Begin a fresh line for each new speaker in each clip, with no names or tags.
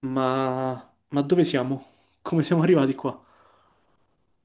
Ma... ma dove siamo? Come siamo arrivati qua?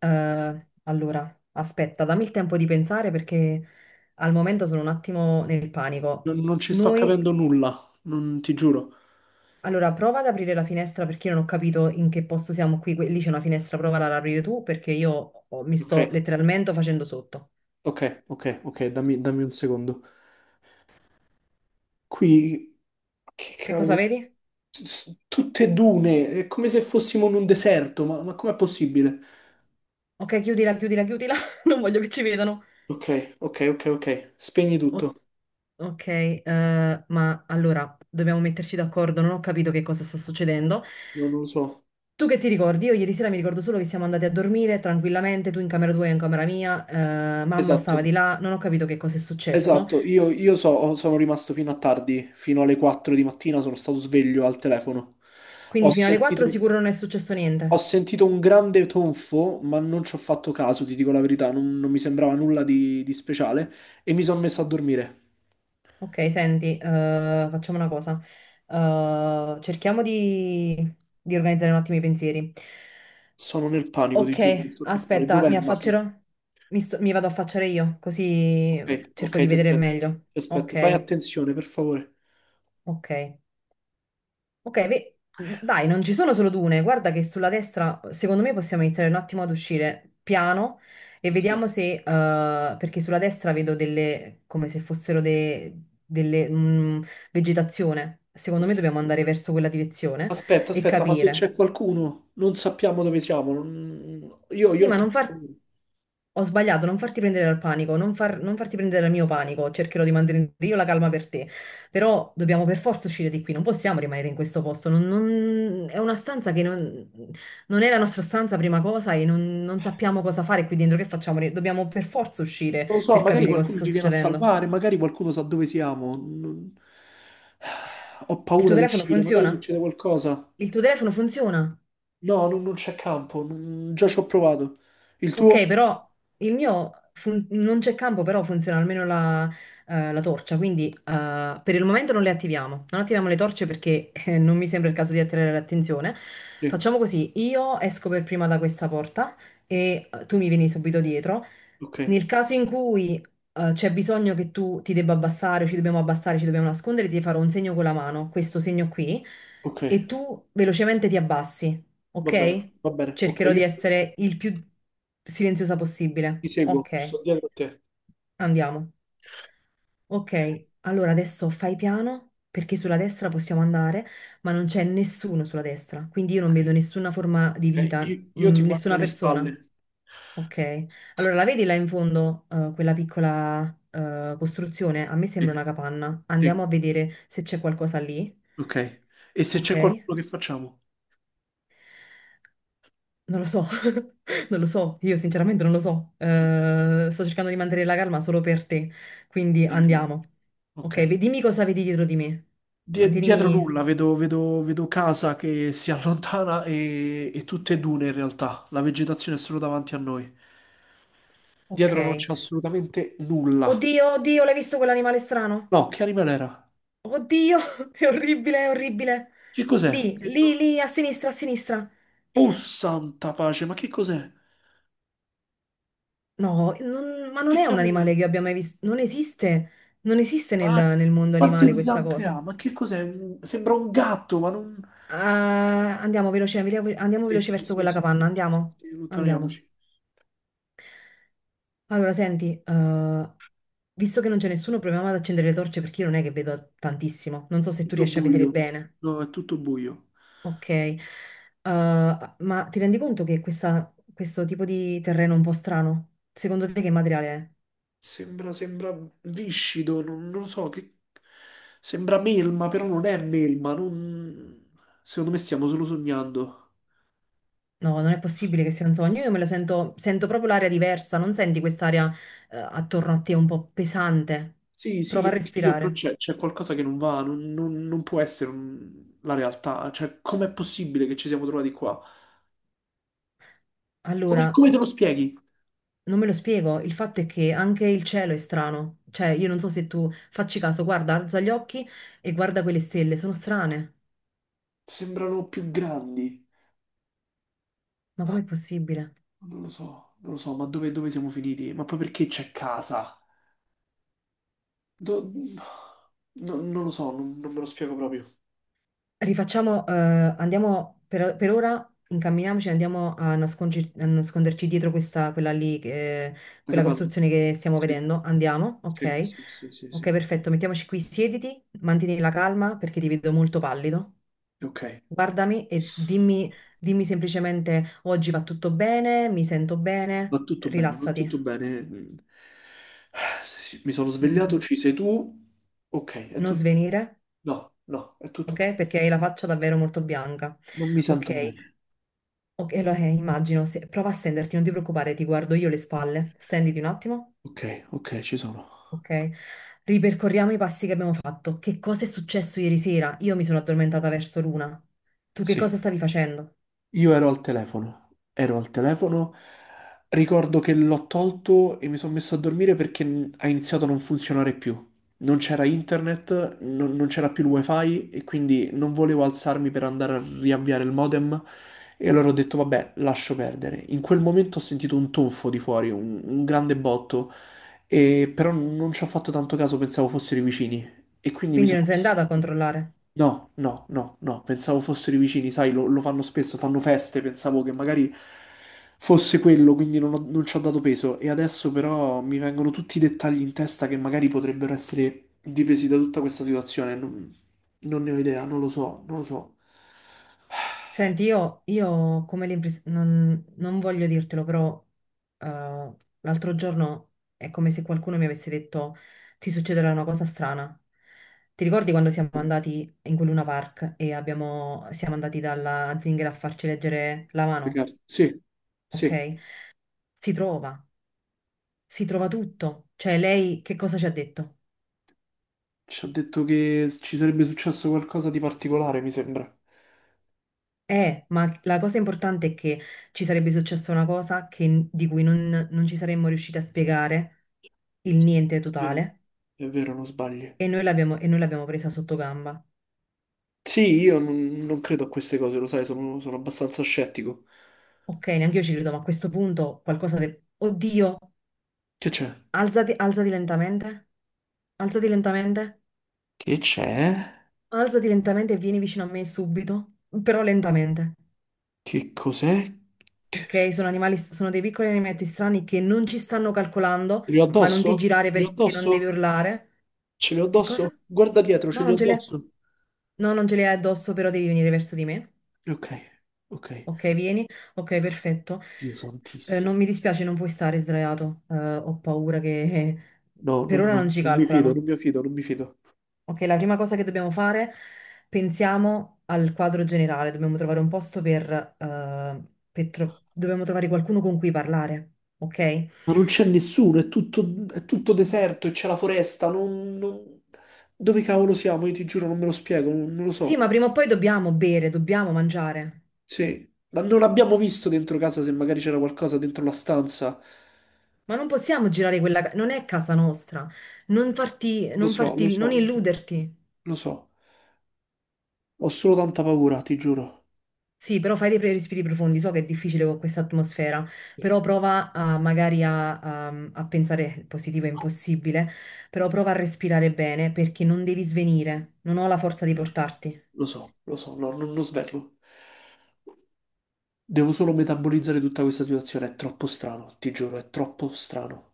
Aspetta, dammi il tempo di pensare perché al momento sono un attimo nel panico.
Non ci sto
Noi,
capendo nulla, non ti giuro.
prova ad aprire la finestra perché io non ho capito in che posto siamo qui. Lì c'è una finestra, prova ad aprire tu perché mi
Ok,
sto letteralmente facendo sotto.
ok, dammi un secondo. Qui, che
Che cosa
cavolo,
vedi?
Tutte dune, è come se fossimo in un deserto, ma com'è possibile?
Ok, chiudila, chiudila, chiudila. Non voglio che ci vedano.
Ok, spegni
O-
tutto.
ok, ma allora, dobbiamo metterci d'accordo. Non ho capito che cosa sta succedendo.
No, non lo so.
Tu che ti ricordi? Io ieri sera mi ricordo solo che siamo andati a dormire tranquillamente, tu in camera tua e io in camera mia, mamma stava
Esatto,
di là, non ho capito che cosa è successo,
esatto, sono rimasto fino a tardi, fino alle 4 di mattina sono stato sveglio al telefono.
quindi
Ho
fino alle 4
sentito...
sicuro non è successo
Ho
niente.
sentito un grande tonfo, ma non ci ho fatto caso, ti dico la verità, non mi sembrava nulla di speciale e mi sono messo a dormire.
Ok, senti, facciamo una cosa. Cerchiamo di organizzare un attimo i pensieri.
Sono nel panico, ti
Ok,
giuro, non so che fare.
aspetta,
Dov'è
mi
il muffler?
affaccerò? Mi vado a affacciare io, così
Ok,
cerco di
ti
vedere
aspetto.
meglio.
Ti aspetto, fai
Ok,
attenzione, per favore.
ok. Ok, dai, non ci sono solo dune. Guarda che sulla destra, secondo me, possiamo iniziare un attimo ad uscire piano e
Ok,
vediamo se, perché sulla destra vedo delle, come se fossero delle, mm, vegetazione. Secondo me
ok.
dobbiamo andare verso quella direzione
Aspetta,
e
aspetta, ma se
capire.
c'è qualcuno, non sappiamo dove siamo. non- Io,
Sì,
io ho
ma non
troppo
far...
paura.
Ho sbagliato, non farti prendere dal panico, non farti prendere dal mio panico, cercherò di mantenere io la calma per te, però dobbiamo per forza uscire di qui, non possiamo rimanere in questo posto, è una stanza che non è la nostra stanza prima cosa e non, non sappiamo cosa fare qui dentro, che facciamo? Dobbiamo per forza uscire
Non lo so,
per
magari
capire cosa
qualcuno
sta
ci viene a
succedendo.
salvare, magari qualcuno sa dove siamo. Ho
Il
paura
tuo
di
telefono
uscire, magari
funziona?
succede qualcosa.
Il tuo telefono funziona?
No, non c'è campo, già ci ho provato. Il tuo?
Ok, però non c'è campo, però funziona almeno la torcia, quindi per il momento non le attiviamo. Non attiviamo le torce perché non mi sembra il caso di attirare l'attenzione.
Sì,
Facciamo così, io esco per prima da questa porta e tu mi vieni subito dietro.
ok,
Nel caso in cui c'è bisogno che tu ti debba abbassare, o ci dobbiamo abbassare, ci dobbiamo nascondere, ti farò un segno con la mano, questo segno qui,
ok,
e tu velocemente ti abbassi,
va bene,
ok?
va bene, ok,
Cercherò di
io
essere il più silenziosa possibile.
ti
Ok,
seguo, sto dietro a te.
andiamo. Ok, allora adesso fai piano perché sulla destra possiamo andare, ma non c'è nessuno sulla destra, quindi io non
Ok,
vedo nessuna forma di
ok,
vita,
Io, io ti guardo
nessuna
le
persona.
spalle.
Ok, allora la vedi là in fondo, quella piccola, costruzione? A me sembra
Sì,
una capanna.
sì,
Andiamo a vedere se c'è qualcosa lì.
ok. E se
Ok?
c'è qualcuno che facciamo?
Non lo so, non lo so, io sinceramente non lo so. Sto cercando di mantenere la calma solo per te, quindi
Sì, sì.
andiamo. Ok,
Ok.
dimmi cosa vedi dietro di me.
Dietro
Mantienimi...
nulla, vedo casa che si allontana e tutte dune in realtà. La vegetazione è solo davanti a noi.
Ok.
Dietro non c'è assolutamente nulla.
Oddio, oddio, l'hai visto quell'animale strano?
No, che animale era?
Oddio, è orribile, è orribile.
Che cos'è?
Lì,
Che
lì,
non-
lì, a sinistra, a sinistra.
Oh, santa pace, ma che cos'è?
No, ma non
Che
è un
cavolo è?
animale che abbia mai visto. Non esiste, non esiste
Ah,
nel mondo
quante
animale questa
zampe ha?
cosa.
Ma che cos'è? Sembra un gatto, ma non...
Ah, andiamo
Sì,
veloce
sì,
verso
sì, sì,
quella
sì,
capanna,
sì, sì,
andiamo,
sì,
andiamo.
allontaniamoci.
Allora, senti, visto che non c'è nessuno, proviamo ad accendere le torce perché io non è che vedo tantissimo. Non so se tu
Tutto
riesci a vedere
buio.
bene.
No, è tutto buio.
Ok. Ma ti rendi conto che questo tipo di terreno è un po' strano? Secondo te che materiale è?
Sembra viscido, non lo so, che... Sembra melma, però non è melma, non... Secondo me stiamo solo sognando.
No, non è possibile che sia un sogno. Io me lo sento, sento proprio l'aria diversa. Non senti quest'aria, attorno a te un po' pesante?
Sì,
Prova a
anche io, però
respirare.
c'è qualcosa che non va, non può essere la realtà. Cioè, com'è possibile che ci siamo trovati qua? Come,
Allora,
come te lo spieghi?
Non me lo spiego, il fatto è che anche il cielo è strano, cioè io non so se tu facci caso, guarda, alza gli occhi e guarda quelle stelle, sono strane,
Sembrano più grandi.
ma com'è possibile?
Non lo so, ma dove siamo finiti? Ma poi perché c'è casa? Do- non lo so, non me lo spiego proprio.
Rifacciamo, andiamo per ora, incamminiamoci, a nasconderci dietro quella lì,
La
quella
capanna?
costruzione che stiamo
Sì,
vedendo, andiamo,
sì,
ok?
sì, sì, sì,
Ok,
sì.
perfetto, mettiamoci qui, siediti, mantieni la calma perché ti vedo molto pallido.
Ok,
Guardami e dimmi, dimmi semplicemente oggi va tutto bene, mi sento
va
bene,
tutto bene, va
rilassati.
tutto bene. Mm. Sì, mi sono svegliato,
Mm,
ci sei tu. Ok, è
Non
tutto...
svenire,
No, è tutto ok.
ok? Perché hai la faccia davvero molto bianca.
Non mi sento
Ok,
bene.
ok, allora, immagino, prova a stenderti, non ti preoccupare, ti guardo io le spalle, stenditi un attimo,
Ok, ci sono.
ok? Ripercorriamo i passi che abbiamo fatto. Che cosa è successo ieri sera? Io mi sono addormentata verso l'una. Tu che cosa
Sì.
stavi facendo?
Io ero al telefono, ricordo che l'ho tolto e mi sono messo a dormire perché ha iniziato a non funzionare più. Non c'era internet, non c'era più il wifi e quindi non volevo alzarmi per andare a riavviare il modem e allora ho detto vabbè, lascio perdere. In quel momento ho sentito un tonfo di fuori, un grande botto, e però non ci ho fatto tanto caso, pensavo fossero i vicini e quindi mi
Quindi
sono
non sei
messo a
andata a
dormire.
controllare.
No, pensavo fossero i vicini, sai, lo fanno spesso, fanno feste, pensavo che magari fosse quello, quindi non ci ho dato peso. E adesso però mi vengono tutti i dettagli in testa che magari potrebbero essere dipesi da tutta questa situazione. Non ne ho idea, non lo so.
Senti, io ho come l'impressione, non, non voglio dirtelo, però eh, l'altro giorno è come se qualcuno mi avesse detto ti succederà una cosa strana. Ti ricordi quando siamo andati in quel Luna Park e siamo andati dalla zingara a farci leggere la mano?
Peccato. Sì, sì,
Ok? Si trova, si trova tutto. Cioè, lei che cosa ci ha detto?
ci ha detto che ci sarebbe successo qualcosa di particolare, mi sembra.
Ma la cosa importante è che ci sarebbe successa una cosa di cui non non ci saremmo riusciti a spiegare, il niente
È vero,
totale.
è vero, non sbagli.
E noi l'abbiamo presa sotto gamba.
Sì, io non credo a queste cose, lo sai, sono abbastanza scettico.
Ok, neanche io ci credo, ma a questo punto qualcosa di... Oddio,
Che c'è?
alzati, alzati lentamente, alzati lentamente,
Che c'è?
alzati lentamente e vieni vicino a me subito, però lentamente.
Che cos'è? Ce
Ok, sono animali, sono dei piccoli animaletti strani che non ci stanno calcolando,
li ho
ma non ti
addosso?
girare
Ce li ho
perché non devi
addosso?
urlare.
Ce li ho
Che cosa?
addosso? Guarda dietro, ce
No,
li ho
non ce li hai,
addosso.
no, non ce li hai addosso, però devi venire verso di me.
Ok, ok.
Ok, vieni. Ok, perfetto.
Dio santissimo.
Non mi dispiace, non puoi stare sdraiato. Ho paura che
No, no,
per ora
no,
non ci
non mi fido,
calcolano.
non mi fido, non mi fido.
Ok, la prima cosa che dobbiamo fare, pensiamo al quadro generale. Dobbiamo trovare un posto per, eh, dobbiamo trovare qualcuno con cui parlare. Ok?
Ma non c'è nessuno, è tutto deserto e c'è la foresta. Dove cavolo siamo? Io ti giuro, non me lo spiego, non lo
Sì,
so.
ma prima o poi dobbiamo bere, dobbiamo mangiare.
Sì, ma non abbiamo visto dentro casa se magari c'era qualcosa dentro la stanza.
Ma non possiamo girare quella... Non è casa nostra. Non farti,
Lo
non
so, lo
farti, non
so, lo so,
illuderti.
lo so. Ho solo tanta paura, ti giuro.
Sì, però fai dei respiri profondi, so che è difficile con questa atmosfera, però prova magari a pensare, il positivo è impossibile, però prova a respirare bene perché non devi svenire, non ho la forza di portarti,
Lo so, no, non lo svelo. Devo solo metabolizzare tutta questa situazione. È troppo strano, ti giuro, è troppo strano.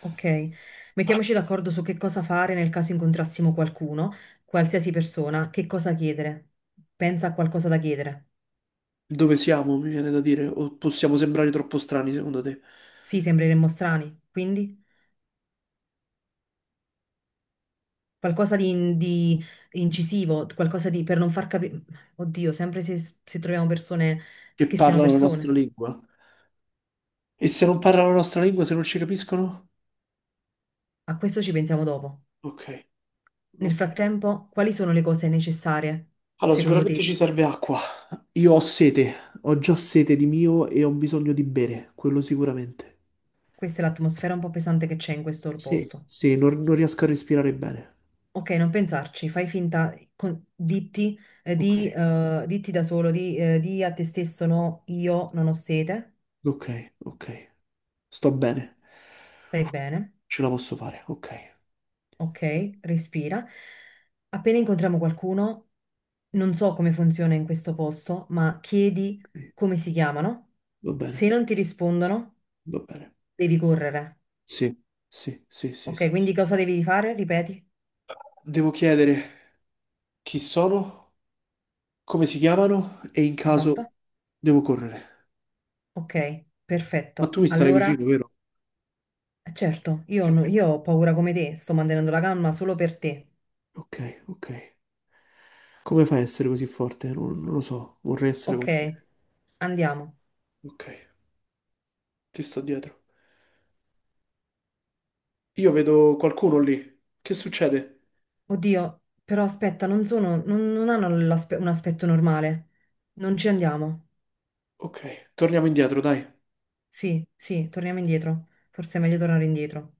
ok? Mettiamoci d'accordo su che cosa fare nel caso incontrassimo qualcuno, qualsiasi persona, che cosa chiedere. Pensa a qualcosa da chiedere.
Dove siamo, mi viene da dire, o possiamo sembrare troppo strani, secondo te,
Sì, sembreremmo strani, quindi... Qualcosa di incisivo, qualcosa di per non far capire. Oddio, sempre se troviamo persone
che
che siano
parlano la nostra
persone.
lingua? E se non parlano la nostra lingua, se non ci capiscono?
A questo ci pensiamo dopo.
Ok,
Nel
ok.
frattempo, quali sono le cose necessarie,
Allora,
secondo
sicuramente
te?
ci serve acqua. Io ho sete, ho già sete di mio e ho bisogno di bere, quello sicuramente.
Questa è l'atmosfera un po' pesante che c'è in questo
Sì,
posto.
sì, non riesco a respirare bene.
Ok, non pensarci, fai finta,
Ok,
ditti da solo, di a te stesso, no, io non ho sete,
ok. Sto bene,
stai bene.
ce la posso fare. Ok,
Ok, respira. Appena incontriamo qualcuno, non so come funziona in questo posto, ma chiedi
ok.
come si chiamano.
va bene,
Se non ti rispondono,
va bene.
devi correre.
Sì, sì, sì, sì,
Ok,
sì. sì.
quindi cosa devi fare? Ripeti.
Devo chiedere chi sono, come si chiamano e in caso
Esatto.
devo correre.
Ok,
Ma tu
perfetto.
mi starai
Allora,
vicino, vero?
certo, io,
Ti
no-
prego.
io ho paura come te, sto mantenendo la calma solo per te.
Ok. Come fai a essere così forte? Non lo so, vorrei essere
Ok,
come te.
andiamo.
Ok, ti sto dietro. Io vedo qualcuno lì. Che succede?
Oddio, però aspetta, non sono, non hanno un aspetto normale. Non ci andiamo.
Ok, torniamo indietro, dai.
Sì, sì, torniamo indietro. Forse è meglio tornare indietro.